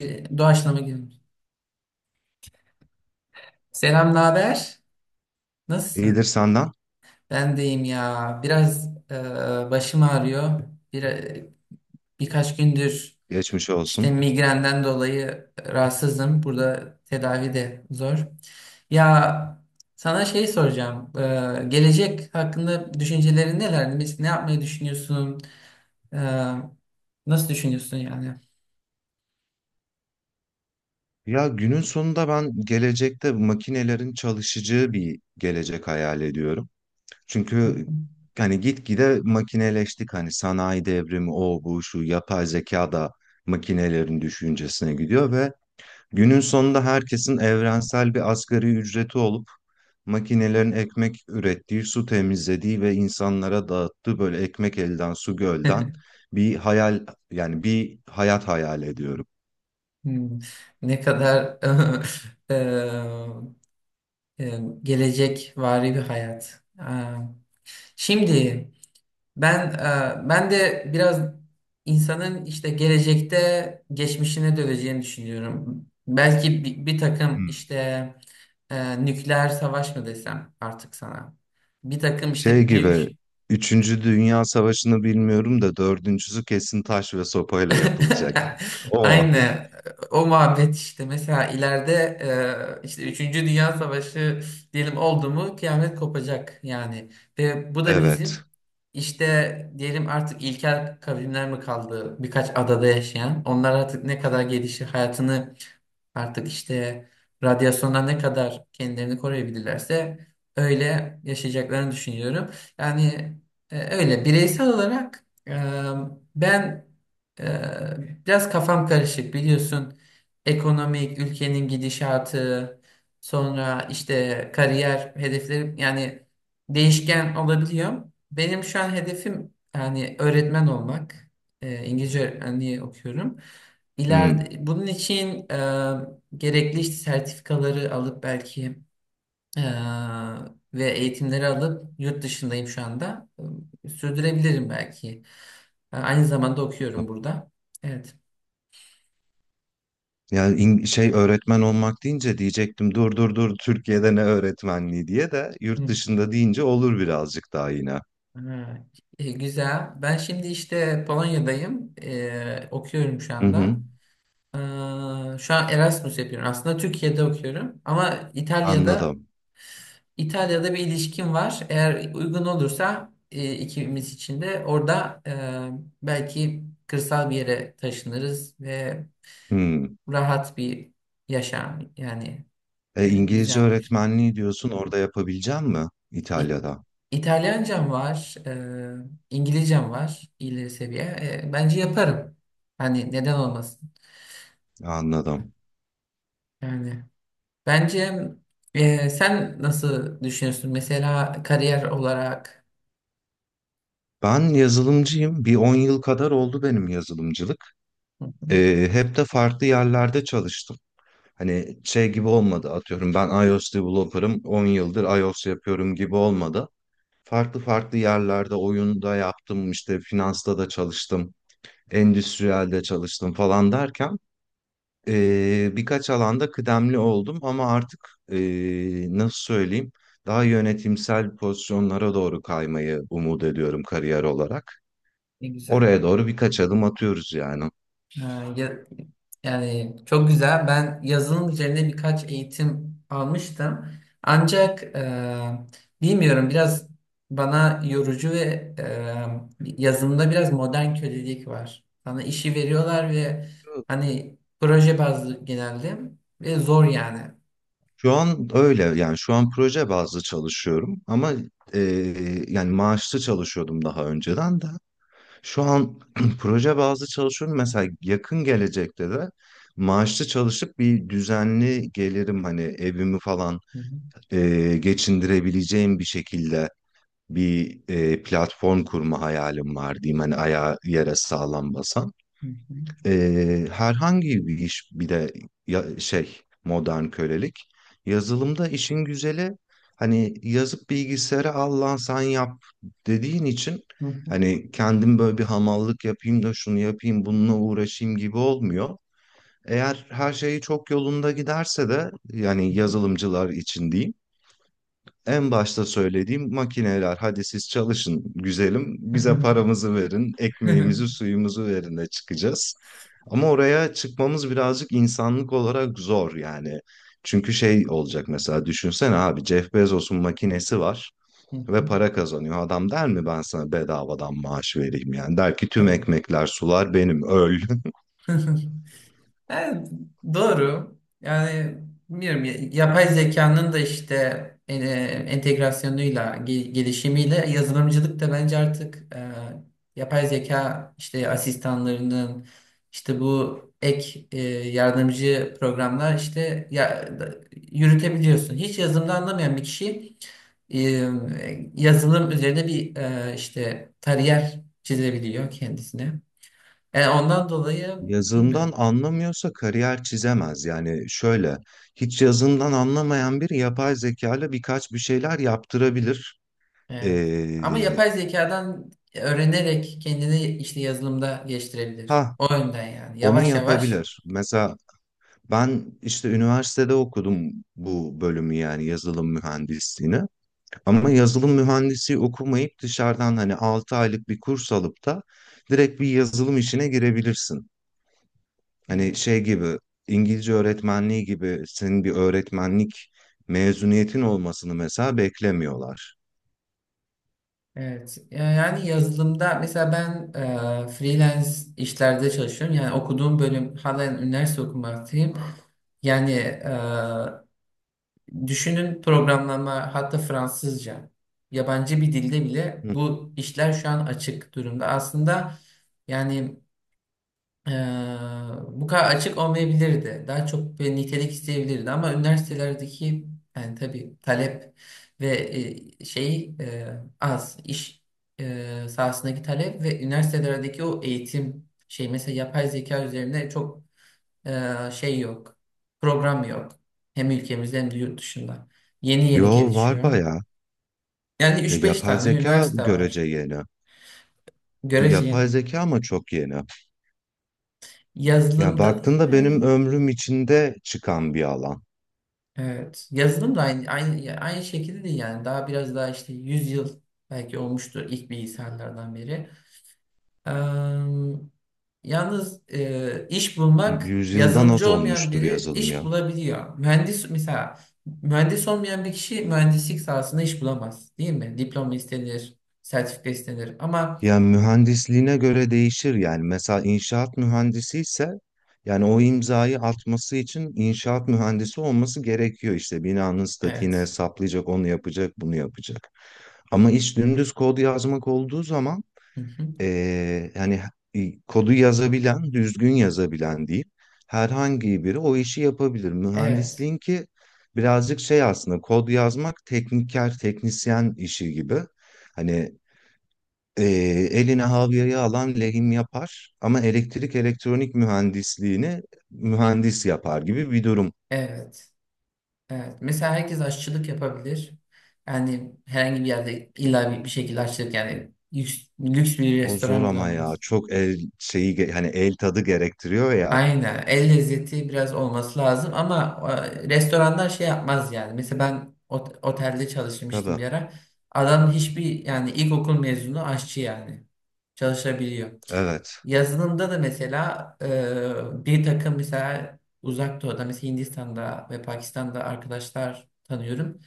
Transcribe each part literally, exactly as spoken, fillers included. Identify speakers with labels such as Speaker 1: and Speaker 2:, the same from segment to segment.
Speaker 1: Ee, Doğaçlama girelim. Selam, ne haber?
Speaker 2: İyidir
Speaker 1: Nasılsın?
Speaker 2: senden.
Speaker 1: Ben deyim ya. Biraz e, başım ağrıyor. Bir, e, birkaç gündür
Speaker 2: Geçmiş
Speaker 1: işte
Speaker 2: olsun.
Speaker 1: migrenden dolayı rahatsızım. Burada tedavi de zor. Ya sana şey soracağım. E, gelecek hakkında düşüncelerin neler? Mes- Ne yapmayı düşünüyorsun? E, nasıl düşünüyorsun yani?
Speaker 2: Ya günün sonunda ben gelecekte makinelerin çalışacağı bir gelecek hayal ediyorum. Çünkü hani gitgide makineleştik, hani sanayi devrimi o bu şu, yapay zeka da makinelerin düşüncesine gidiyor ve günün sonunda herkesin evrensel bir asgari ücreti olup makinelerin ekmek ürettiği, su temizlediği ve insanlara dağıttığı, böyle ekmek elden su gölden bir hayal, yani bir hayat hayal ediyorum.
Speaker 1: Hmm, Ne kadar eee, e, gelecek vari bir hayat. Aa, şimdi ben e, ben de biraz insanın işte gelecekte geçmişine döneceğini düşünüyorum. Belki bir, bir takım
Speaker 2: Hmm.
Speaker 1: işte e, nükleer savaş mı desem artık sana. Bir takım
Speaker 2: Şey
Speaker 1: işte
Speaker 2: gibi,
Speaker 1: büyük.
Speaker 2: Üçüncü Dünya Savaşı'nı bilmiyorum da dördüncüsü kesin taş ve sopayla yapılacak. O.
Speaker 1: Aynı o muhabbet işte mesela ileride e, işte üçüncü Dünya Savaşı diyelim oldu mu kıyamet kopacak yani ve bu da bizim
Speaker 2: Evet.
Speaker 1: işte diyelim artık ilkel kavimler mi kaldı birkaç adada yaşayan onlar artık ne kadar gelişir hayatını. Artık işte radyasyondan ne kadar kendilerini koruyabilirlerse öyle yaşayacaklarını düşünüyorum. Yani e, öyle bireysel olarak e, ben e, biraz kafam karışık biliyorsun. Ekonomik, ülkenin gidişatı, sonra işte kariyer hedeflerim yani değişken olabiliyor. Benim şu an hedefim yani öğretmen olmak. E, İngilizce öğretmenliği okuyorum.
Speaker 2: Hmm.
Speaker 1: İleride, bunun için e, gerekli işte sertifikaları alıp belki e, ve eğitimleri alıp yurt dışındayım şu anda. E, Sürdürebilirim belki. E, aynı zamanda okuyorum burada. Evet.
Speaker 2: Yani in- şey, öğretmen olmak deyince diyecektim dur dur dur Türkiye'de ne öğretmenliği diye, de yurt
Speaker 1: Hı.
Speaker 2: dışında deyince olur birazcık daha, yine.
Speaker 1: Ha, e, güzel. Ben şimdi işte Polonya'dayım. E, okuyorum şu
Speaker 2: Hı hı.
Speaker 1: anda. E, şu an Erasmus yapıyorum. Aslında Türkiye'de okuyorum ama İtalya'da
Speaker 2: Anladım.
Speaker 1: İtalya'da bir ilişkim var. Eğer uygun olursa e, ikimiz için de orada e, belki kırsal bir yere taşınırız ve
Speaker 2: Hmm.
Speaker 1: rahat bir yaşam yani
Speaker 2: E,
Speaker 1: e,
Speaker 2: İngilizce
Speaker 1: düzenlemiş.
Speaker 2: öğretmenliği diyorsun, orada yapabileceğim mi
Speaker 1: İ-
Speaker 2: İtalya'da?
Speaker 1: İtalyancam var, e, İngilizcem var ileri seviye. E, bence yaparım. Hani neden olmasın?
Speaker 2: Anladım.
Speaker 1: Yani bence, e, sen nasıl düşünüyorsun? Mesela kariyer olarak.
Speaker 2: Ben yazılımcıyım. Bir on yıl kadar oldu benim yazılımcılık.
Speaker 1: Hı.
Speaker 2: Ee, hep de farklı yerlerde çalıştım. Hani şey gibi olmadı, atıyorum ben iOS developer'ım, on yıldır iOS yapıyorum gibi olmadı. Farklı farklı yerlerde, oyunda yaptım, işte finansta da çalıştım, endüstriyelde çalıştım falan derken ee, birkaç alanda kıdemli oldum, ama artık ee, nasıl söyleyeyim, daha yönetimsel pozisyonlara doğru kaymayı umut ediyorum, kariyer olarak.
Speaker 1: Ne güzel.
Speaker 2: Oraya doğru birkaç adım atıyoruz yani.
Speaker 1: Ha, ya- Yani çok güzel. Ben yazılım üzerine birkaç eğitim almıştım. Ancak e, bilmiyorum, biraz bana yorucu ve e, yazılımda biraz modern kölelik var. Sana işi veriyorlar ve hani proje bazlı genelde. Ve zor yani.
Speaker 2: Şu an öyle yani, şu an proje bazlı çalışıyorum, ama e, yani maaşlı çalışıyordum daha önceden de. Şu an proje bazlı çalışıyorum. Mesela yakın gelecekte de maaşlı çalışıp bir düzenli gelirim, hani evimi falan
Speaker 1: Hı hı,
Speaker 2: e, geçindirebileceğim bir şekilde bir e, platform kurma hayalim var diyeyim, hani ayağı yere sağlam basan.
Speaker 1: hı hı,
Speaker 2: Ee, herhangi bir iş bile, ya, şey, modern kölelik. Yazılımda işin güzeli, hani yazıp bilgisayara al lan sen yap dediğin için,
Speaker 1: hı hı,
Speaker 2: hani kendim böyle bir hamallık yapayım da şunu yapayım bununla uğraşayım gibi olmuyor. Eğer her şeyi çok yolunda giderse de, yani yazılımcılar için diyeyim, en başta söylediğim, makineler hadi siz çalışın güzelim,
Speaker 1: hı
Speaker 2: bize
Speaker 1: hı.
Speaker 2: paramızı verin, ekmeğimizi suyumuzu verin de çıkacağız. Ama oraya çıkmamız birazcık insanlık olarak zor yani. Çünkü şey olacak, mesela düşünsene abi, Jeff Bezos'un makinesi var
Speaker 1: Hı hı.
Speaker 2: ve para kazanıyor. Adam der mi ben sana bedavadan maaş vereyim? Yani der ki tüm
Speaker 1: Tabii.
Speaker 2: ekmekler sular benim, öl.
Speaker 1: Yani doğru. Yani bilmiyorum, ya- yapay zekanın da işte e, entegrasyonuyla, ge- gelişimiyle yazılımcılık da bence artık e, yapay zeka işte asistanlarının işte bu ek e, yardımcı programlar işte ya, yürütebiliyorsun. Hiç yazılımda anlamayan bir kişi e, yazılım üzerine bir e, işte kariyer çizebiliyor kendisine. Yani ondan dolayı
Speaker 2: Yazından
Speaker 1: bilmiyorum.
Speaker 2: anlamıyorsa kariyer çizemez. Yani şöyle, hiç yazından anlamayan biri yapay zeka ile birkaç bir şeyler yaptırabilir.
Speaker 1: Evet. Ama
Speaker 2: Ee,
Speaker 1: yapay zekadan öğrenerek kendini işte yazılımda geliştirebilir.
Speaker 2: ha,
Speaker 1: O yönden yani.
Speaker 2: onu
Speaker 1: Yavaş yavaş.
Speaker 2: yapabilir. Mesela ben işte üniversitede okudum bu bölümü, yani yazılım mühendisliğini. Ama yazılım mühendisi okumayıp, dışarıdan hani altı aylık bir kurs alıp da direkt bir yazılım işine girebilirsin. Hani
Speaker 1: Evet.
Speaker 2: şey gibi, İngilizce öğretmenliği gibi senin bir öğretmenlik mezuniyetin olmasını mesela beklemiyorlar.
Speaker 1: Evet. Yani yazılımda mesela ben e, freelance işlerde çalışıyorum. Yani okuduğum bölüm halen üniversite okumaktayım. Yani e, düşünün, programlama hatta Fransızca, yabancı bir dilde bile
Speaker 2: Hı.
Speaker 1: bu işler şu an açık durumda. Aslında, yani, Ee, bu kadar açık olmayabilirdi. Daha çok bir nitelik isteyebilirdi ama üniversitelerdeki, yani tabii, talep ve e, şey e, az iş e, sahasındaki talep ve üniversitelerdeki o eğitim, şey, mesela yapay zeka üzerine çok e, şey yok. Program yok. Hem ülkemizde hem de yurt dışında. Yeni yeni
Speaker 2: Yo, var
Speaker 1: gelişiyor.
Speaker 2: bayağı.
Speaker 1: Yani
Speaker 2: E,
Speaker 1: üç beş
Speaker 2: yapay
Speaker 1: tane
Speaker 2: zeka
Speaker 1: üniversite
Speaker 2: görece
Speaker 1: var.
Speaker 2: yeni. Gü-
Speaker 1: Görece
Speaker 2: Yapay
Speaker 1: yeni.
Speaker 2: zeka ama çok yeni. Ya
Speaker 1: Yazılımda da
Speaker 2: baktığında benim
Speaker 1: yani.
Speaker 2: ömrüm içinde çıkan bir alan.
Speaker 1: Evet. Yazılım da aynı, aynı, aynı şekilde değil yani. Daha biraz daha işte yüz yıl belki olmuştur ilk bilgisayarlardan beri. Eee, yalnız eee, iş
Speaker 2: Y-
Speaker 1: bulmak,
Speaker 2: Yüzyıldan az
Speaker 1: yazılımcı olmayan
Speaker 2: olmuştur
Speaker 1: biri
Speaker 2: yazılım
Speaker 1: iş
Speaker 2: ya.
Speaker 1: bulabiliyor. Mühendis mesela mühendis olmayan bir kişi mühendislik sahasında iş bulamaz değil mi? Diploma istenir, sertifika istenir ama
Speaker 2: Yani mühendisliğine göre değişir, yani mesela inşaat mühendisi ise, yani o imzayı atması için inşaat mühendisi olması gerekiyor, işte binanın statiğini
Speaker 1: evet.
Speaker 2: hesaplayacak, onu yapacak, bunu yapacak. Ama iş dümdüz kod yazmak olduğu zaman
Speaker 1: Hı hı.
Speaker 2: eee, yani e, kodu yazabilen, düzgün yazabilen değil, herhangi biri o işi yapabilir.
Speaker 1: Evet.
Speaker 2: Mühendisliğin ki birazcık şey, aslında kod yazmak tekniker teknisyen işi gibi. Hani e, eline havyayı alan lehim yapar ama elektrik elektronik mühendisliğini mühendis yapar gibi bir durum.
Speaker 1: Evet. Evet. Mesela herkes aşçılık yapabilir. Yani herhangi bir yerde illa bir, bir şekilde aşçılık yani lüks, lüks bir
Speaker 2: O zor
Speaker 1: restoran bile
Speaker 2: ama ya,
Speaker 1: olmaz.
Speaker 2: çok el şeyi ge- hani el tadı gerektiriyor ya.
Speaker 1: Aynen. El lezzeti biraz olması lazım ama e, restoranlar şey yapmaz yani. Mesela ben ot- otelde çalışmıştım bir
Speaker 2: Tabii.
Speaker 1: ara. Adam hiçbir yani ilkokul mezunu aşçı yani. Çalışabiliyor.
Speaker 2: Evet.
Speaker 1: Yazılımda da mesela e, bir takım mesela uzak doğuda mesela Hindistan'da ve Pakistan'da arkadaşlar tanıyorum.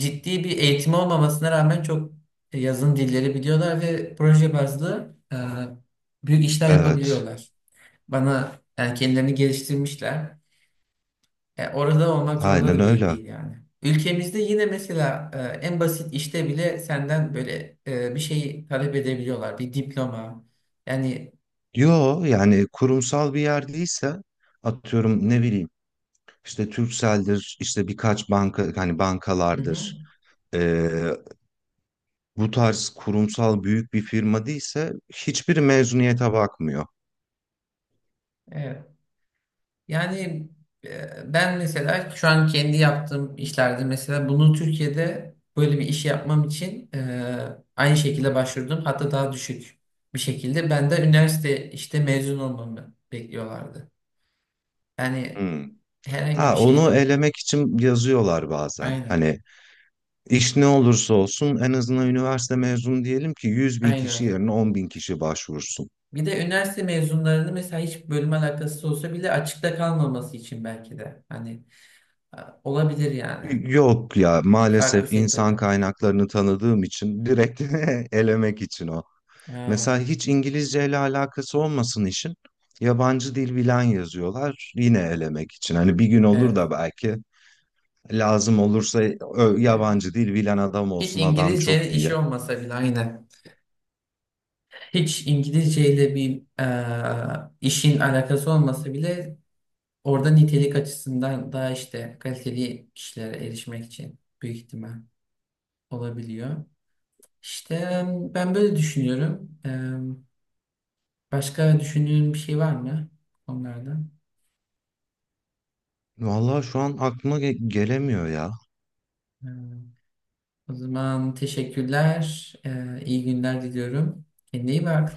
Speaker 1: Ciddi bir eğitim olmamasına rağmen çok yazın dilleri biliyorlar ve proje bazlı e, büyük işler
Speaker 2: Evet.
Speaker 1: yapabiliyorlar. Bana yani kendilerini geliştirmişler. E, orada olmak zorunda
Speaker 2: Aynen
Speaker 1: da bile
Speaker 2: öyle.
Speaker 1: değil yani. Ülkemizde yine mesela e, en basit işte bile senden böyle e, bir şeyi talep edebiliyorlar. Bir diploma. Yani
Speaker 2: Yo yani, kurumsal bir yer değilse, atıyorum ne bileyim, işte Turkcell'dir, işte birkaç banka, hani
Speaker 1: hı hı,
Speaker 2: bankalardır, bu tarz kurumsal büyük bir firma değilse hiçbir mezuniyete bakmıyor.
Speaker 1: evet. Yani e, ben mesela şu an kendi yaptığım işlerde mesela bunu Türkiye'de böyle bir iş yapmam için e, aynı şekilde başvurdum. Hatta daha düşük bir şekilde. Ben de üniversite işte mezun olmamı bekliyorlardı. Yani
Speaker 2: Hmm.
Speaker 1: herhangi bir
Speaker 2: Ha, onu
Speaker 1: şeyden.
Speaker 2: elemek için yazıyorlar bazen.
Speaker 1: Aynen.
Speaker 2: Hani iş ne olursa olsun, en azından üniversite mezunu, diyelim ki yüz bin kişi
Speaker 1: Aynen.
Speaker 2: yerine on bin kişi başvursun.
Speaker 1: Bir de üniversite mezunlarını mesela hiç bölüm alakası olsa bile açıkta kalmaması için belki de. Hani e, olabilir yani.
Speaker 2: Yok ya,
Speaker 1: Farklı
Speaker 2: maalesef insan
Speaker 1: sektörler.
Speaker 2: kaynaklarını tanıdığım için direkt elemek için o.
Speaker 1: Ha,
Speaker 2: Mesela hiç İngilizce ile alakası olmasın işin. Yabancı dil bilen yazıyorlar, yine elemek için. Hani bir gün olur
Speaker 1: evet.
Speaker 2: da belki lazım olursa ö,
Speaker 1: Evet.
Speaker 2: yabancı dil bilen adam
Speaker 1: Hiç
Speaker 2: olsun, adam çok
Speaker 1: İngilizcenin işi
Speaker 2: diye.
Speaker 1: olmasa bile aynen. Hiç İngilizceyle bir e, işin alakası olmasa bile orada nitelik açısından daha işte kaliteli kişilere erişmek için büyük ihtimal olabiliyor. İşte ben böyle düşünüyorum. E, başka düşündüğün bir şey var mı onlardan?
Speaker 2: Vallahi şu an aklıma ge- gelemiyor ya.
Speaker 1: E, o zaman teşekkürler. E, iyi günler diliyorum. Kendine iyi bak.